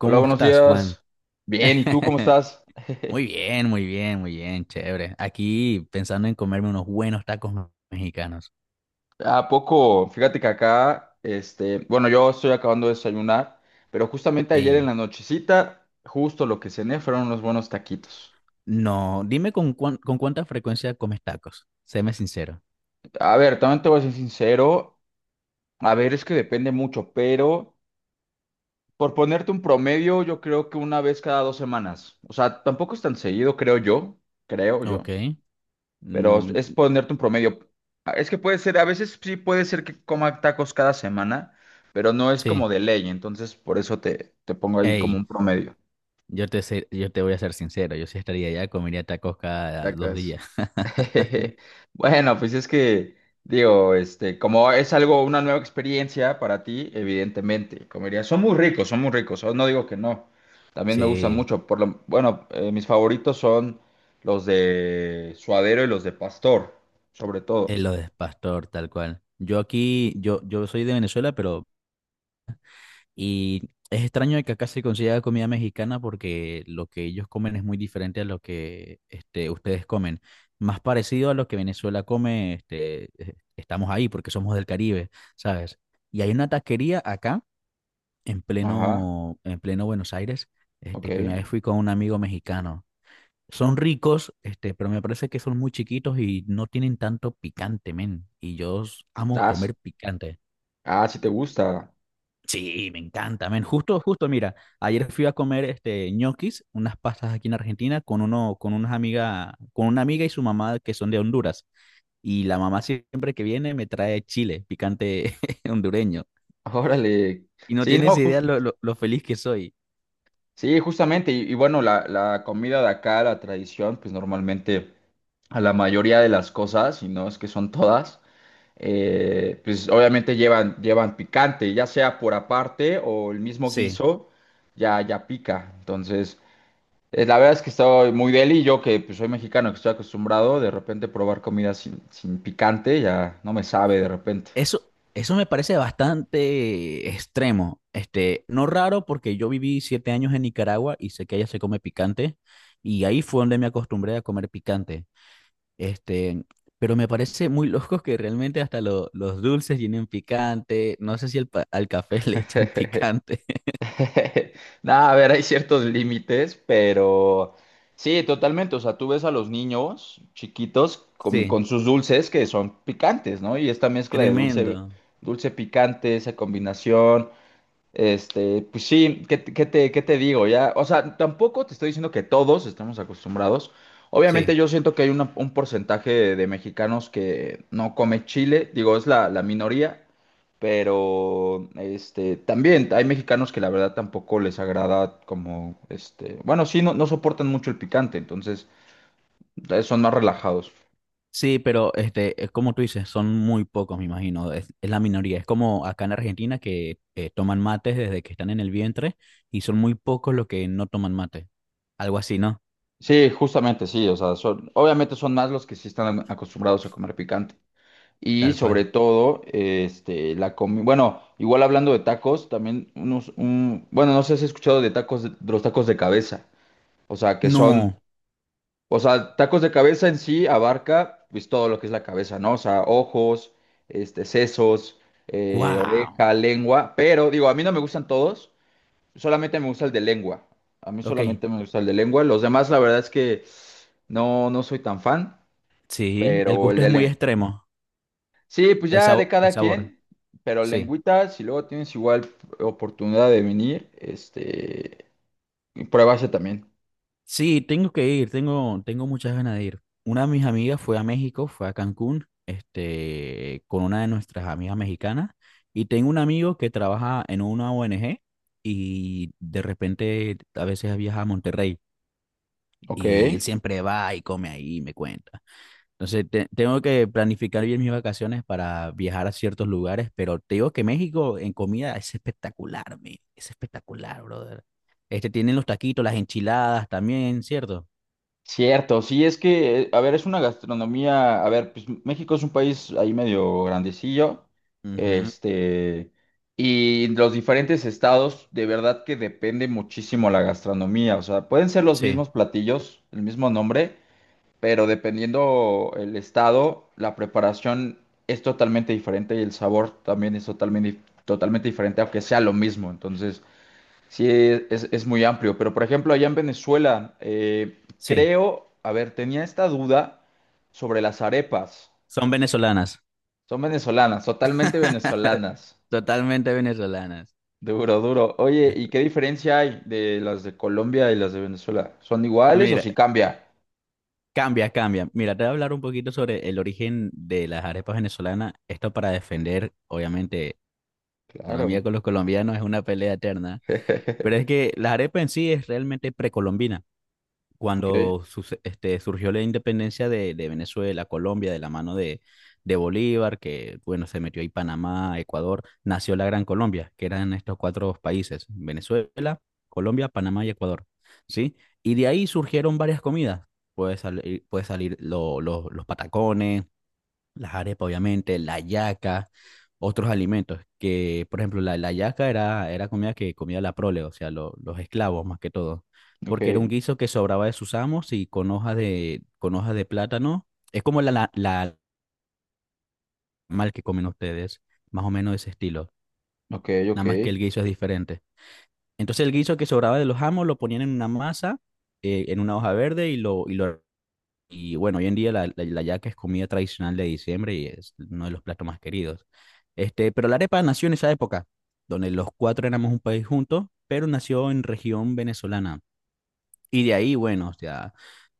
Hola, buenos estás, Juan? días. Bien, ¿y tú cómo estás? Muy bien, muy bien, muy bien, chévere. Aquí pensando en comerme unos buenos mexicanos. ¿A poco? Fíjate que acá, bueno, yo estoy acabando de desayunar, pero justamente ayer en Ey, la nochecita, justo lo que cené fueron unos buenos taquitos. no, dime con cuánta frecuencia comes tacos. Séme sincero. A ver, también te voy a ser sincero, a ver, es que depende mucho, pero por ponerte un promedio, yo creo que una vez cada dos semanas. O sea, tampoco es tan seguido, creo yo, creo Ok. yo. Pero Mm, es ponerte un promedio. Ah, es que puede ser, a veces sí puede ser que coma tacos cada semana, pero no es sí. como de ley, entonces por eso te pongo ahí como Ey, un promedio. Yo te voy a ser sincero. Yo sí estaría allá, comería tacos cada dos Cacas. días. Bueno, pues digo, como es algo, una nueva experiencia para ti, evidentemente, comería. Son muy ricos, oh, no digo que no. También me gustan Sí, mucho, por lo, bueno, mis favoritos son los de suadero y los de pastor, sobre es todo. lo de pastor, tal cual. Yo aquí, yo soy de Venezuela, pero y es extraño de que acá se consiga comida mexicana porque lo que ellos comen es muy diferente a lo que este, ustedes comen. Más parecido a lo que Venezuela come, este, estamos ahí porque somos del Caribe, ¿sabes? Y hay una taquería acá, en Ajá, pleno, en pleno Buenos Aires, este, que una ok. vez fui con un amigo mexicano. Son ricos, este, pero me parece que son muy chiquitos y no tienen tanto picante, men. Y amo Ah, sí, comer picante. ah, si te gusta. Sí, me encanta, men. Justo, justo, mira, ayer fui a comer este ñoquis, unas pastas aquí en Argentina con uno, con unas amigas, con una amiga y su mamá que son de Honduras. Y la mamá siempre que viene me trae chile, picante hondureño. Órale. Y no Sí, tienes no, idea lo feliz que soy. sí, justamente. Y bueno, la comida de acá, la tradición, pues normalmente a la mayoría de las cosas, y no es que son todas, pues obviamente llevan picante, ya sea por aparte o el mismo Sí, guiso, ya pica. Entonces, la verdad es que estoy muy deli, yo que pues, soy mexicano, que estoy acostumbrado de repente probar comida sin picante, ya no me sabe de repente. eso me parece bastante extremo. Este, no raro porque yo viví 7 años en Nicaragua y sé que allá se come picante. Y ahí fue donde me acostumbré a comer picante. Este, pero me parece muy loco que realmente hasta los dulces tienen picante. No sé si al café le echan picante. Nada, a ver, hay ciertos límites, pero sí, totalmente. O sea, tú ves a los niños chiquitos Sí, con sus dulces que son picantes, ¿no? Y esta mezcla de dulce, tremendo. dulce picante, esa combinación. Este, pues sí, ¿qué, te, qué te qué te digo? Ya, o sea, tampoco te estoy diciendo que todos estamos acostumbrados. Obviamente Sí, yo siento que hay un porcentaje de mexicanos que no come chile, digo, es la minoría, pero este, también hay mexicanos que la verdad tampoco les agrada como, este, bueno, sí, no soportan mucho el picante, entonces son más relajados. sí, pero este, es como tú dices, son muy pocos, me imagino. Es la minoría. Es como acá en Argentina que toman mates desde que están en el vientre y son muy pocos los que no toman mate. Algo así, ¿no? Sí, justamente sí, o sea, son, obviamente son más los que sí están acostumbrados a comer picante. Y Tal sobre cual. todo, este, la comida. Bueno, igual hablando de tacos, también bueno, no sé si has escuchado de tacos, de los tacos de cabeza. O sea, que son, No. o sea, tacos de cabeza en sí abarca, pues, todo lo que es la cabeza, ¿no? O sea, ojos, este, sesos, Wow. oreja, lengua. Pero, digo, a mí no me gustan todos, solamente me gusta el de lengua. A mí Ok. solamente me gusta el de lengua. Los demás, la verdad es que no soy tan fan, Sí, el pero el gusto es de muy lengua. extremo. Sí, pues ya de El cada sabor. quien, pero Sí. lengüita, si luego tienes igual oportunidad de venir, este, pruébase también. Sí, tengo que ir, tengo, tengo muchas ganas de ir. Una de mis amigas fue a México, fue a Cancún, este, con una de nuestras amigas mexicanas, y tengo un amigo que trabaja en una ONG y de repente a veces viaja a Monterrey Ok. y él siempre va y come ahí y me cuenta. Entonces tengo que planificar bien mis vacaciones para viajar a ciertos lugares, pero te digo que México en comida es espectacular, men, es espectacular, brother. Este, tienen los taquitos, las enchiladas también, ¿cierto? Cierto, sí, es que, a ver, es una gastronomía, a ver, pues México es un país ahí medio grandecillo, Ujú, este, y los diferentes estados, de verdad que depende muchísimo la gastronomía, o sea, pueden ser los mismos sí, platillos, el mismo nombre, pero dependiendo el estado, la preparación es totalmente diferente y el sabor también es totalmente, totalmente diferente, aunque sea lo mismo. Entonces, sí, es muy amplio. Pero, por ejemplo, allá en Venezuela, sí, creo, a ver, tenía esta duda sobre las arepas. son venezolanas, Son venezolanas, totalmente venezolanas. totalmente venezolanas. Duro, duro. Oye, ¿y qué diferencia hay de las de Colombia y las de Venezuela? ¿Son iguales o Mira, si cambia? cambia, cambia. Mira, te voy a hablar un poquito sobre el origen de las arepas venezolanas. Esto para defender, obviamente, la economía Claro. con los colombianos es una pelea eterna, pero es que la arepa en sí es realmente precolombina. Ok, Cuando este, surgió la independencia de Venezuela, Colombia, de la mano de Bolívar, que bueno, se metió ahí Panamá, Ecuador, nació la Gran Colombia, que eran estos cuatro países, Venezuela, Colombia, Panamá y Ecuador, ¿sí? Y de ahí surgieron varias comidas. Puede salir los patacones, las arepas, obviamente, la yaca, otros alimentos, que por ejemplo la yaca era, era comida que comía la prole, o sea, los esclavos más que todo, porque era un ok, guiso que sobraba de sus amos y con hojas de plátano, es como la mal que comen ustedes, más o menos de ese estilo, ok, nada ok. más que el guiso es diferente. Entonces el guiso que sobraba de los amos lo ponían en una masa, en una hoja verde y lo y bueno, hoy en día la yaca es comida tradicional de diciembre y es uno de los platos más queridos. Este, pero la arepa nació en esa época, donde los cuatro éramos un país juntos, pero nació en región venezolana. Y de ahí, bueno, o sea,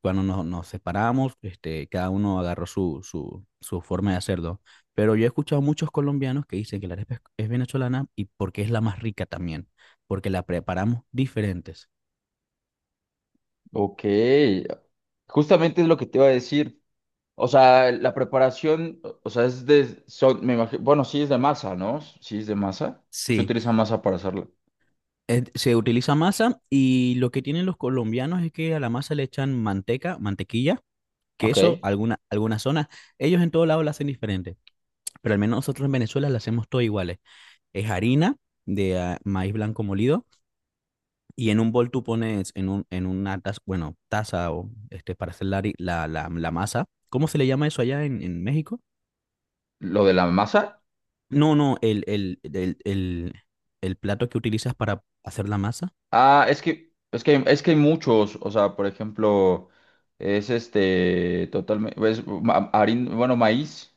cuando nos separamos, este, cada uno agarró su forma de hacerlo. Pero yo he escuchado muchos colombianos que dicen que la arepa es venezolana y porque es la más rica también, porque la preparamos diferentes. Ok, justamente es lo que te iba a decir. O sea, la preparación, o sea, me imagino, bueno, sí es de masa, ¿no? Sí es de masa. Se Sí. utiliza masa para hacerlo. Se utiliza masa y lo que tienen los colombianos es que a la masa le echan manteca, mantequilla, Ok. queso, alguna, algunas zonas. Ellos en todo lado la hacen diferente, pero al menos nosotros en Venezuela la hacemos todo iguales. Es harina de ah, maíz blanco molido y en un bol tú pones en, un, en una taza, bueno, taza o este, para hacer la, hari- la masa. ¿Cómo se le llama eso allá en México? ¿Lo de la masa? No, no, el plato que utilizas para hacer la masa. Ah, es que hay muchos. O sea, por ejemplo, es este, totalmente, bueno, maíz,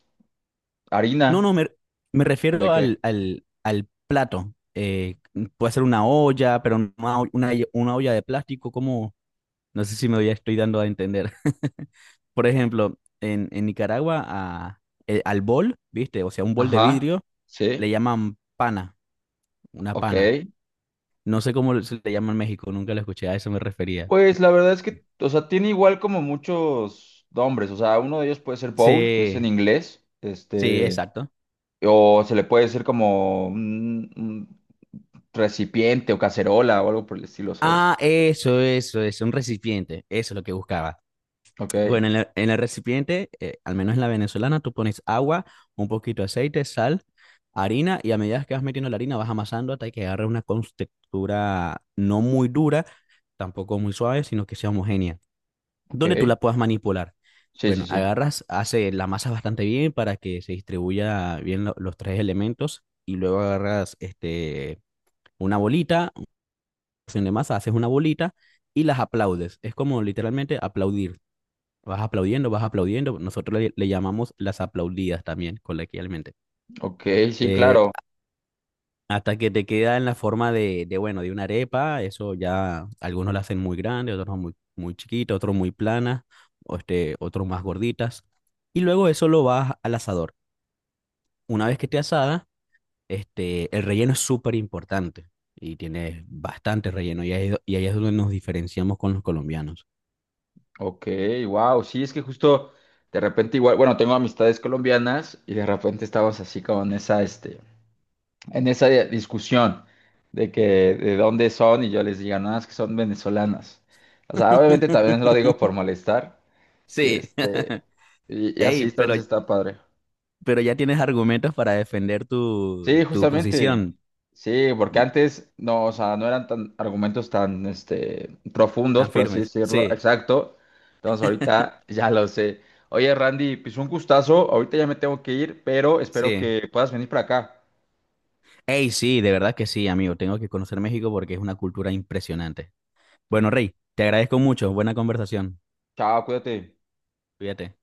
No, no, harina, me ¿o refiero de qué? Al plato. Puede ser una olla, pero no una, una olla de plástico, como, no sé si me ya estoy dando a entender. Por ejemplo, en Nicaragua, al bol, ¿viste? O sea, un bol de Ajá, vidrio, le sí, llaman pana, una ok. pana. No sé cómo se le llama en México, nunca lo escuché, a eso me refería. Pues la verdad es que, o sea, tiene igual como muchos nombres, o sea, uno de ellos puede ser bowl, que es en Sí, inglés, sí, este, exacto. o se le puede decir como un recipiente o cacerola o algo por el estilo, ¿sabes? Ah, eso, un recipiente, eso es lo que buscaba. Ok, Bueno, en el recipiente, al menos en la venezolana, tú pones agua, un poquito de aceite, sal, harina y a medida que vas metiendo la harina vas amasando hasta que agarre una textura no muy dura, tampoco muy suave, sino que sea homogénea, donde tú ok, la puedas manipular. sí, Bueno, sí, sí, agarras, hace la masa bastante bien para que se distribuya bien los tres elementos y luego agarras este, una bolita, una porción de masa, haces una bolita y las aplaudes. Es como literalmente aplaudir. Vas aplaudiendo, vas aplaudiendo. Nosotros le llamamos las aplaudidas también, coloquialmente. ok, sí, Eh, claro, hasta que te queda en la forma de, bueno, de una arepa. Eso ya algunos la hacen muy grande, otros muy, muy chiquita, otros muy planas, o este, otros más gorditas. Y luego eso lo vas al asador. Una vez que esté asada, este, el relleno es súper importante y tiene bastante relleno. Y ahí, y ahí es donde nos diferenciamos con los colombianos. ok, wow, sí, es que justo de repente igual, bueno, tengo amistades colombianas y de repente estabas así como en esa, este, en discusión de que de dónde son y yo les diga, no, es que son venezolanas. O sea, obviamente también lo digo por molestar y Sí. este y así Ey, entonces está padre. pero ya tienes argumentos para defender Sí, tu justamente. posición Sí, porque antes no, o sea, no eran tan argumentos tan este profundos, tan por así firmes. decirlo. Sí, Exacto. Entonces ahorita ya lo sé. Oye, Randy, pues un gustazo. Ahorita ya me tengo que ir, pero espero sí. que puedas venir para acá. Ey, sí, de verdad que sí, amigo. Tengo que conocer México porque es una cultura impresionante. Bueno, Rey, te agradezco mucho. Buena conversación. Chao, cuídate. Cuídate.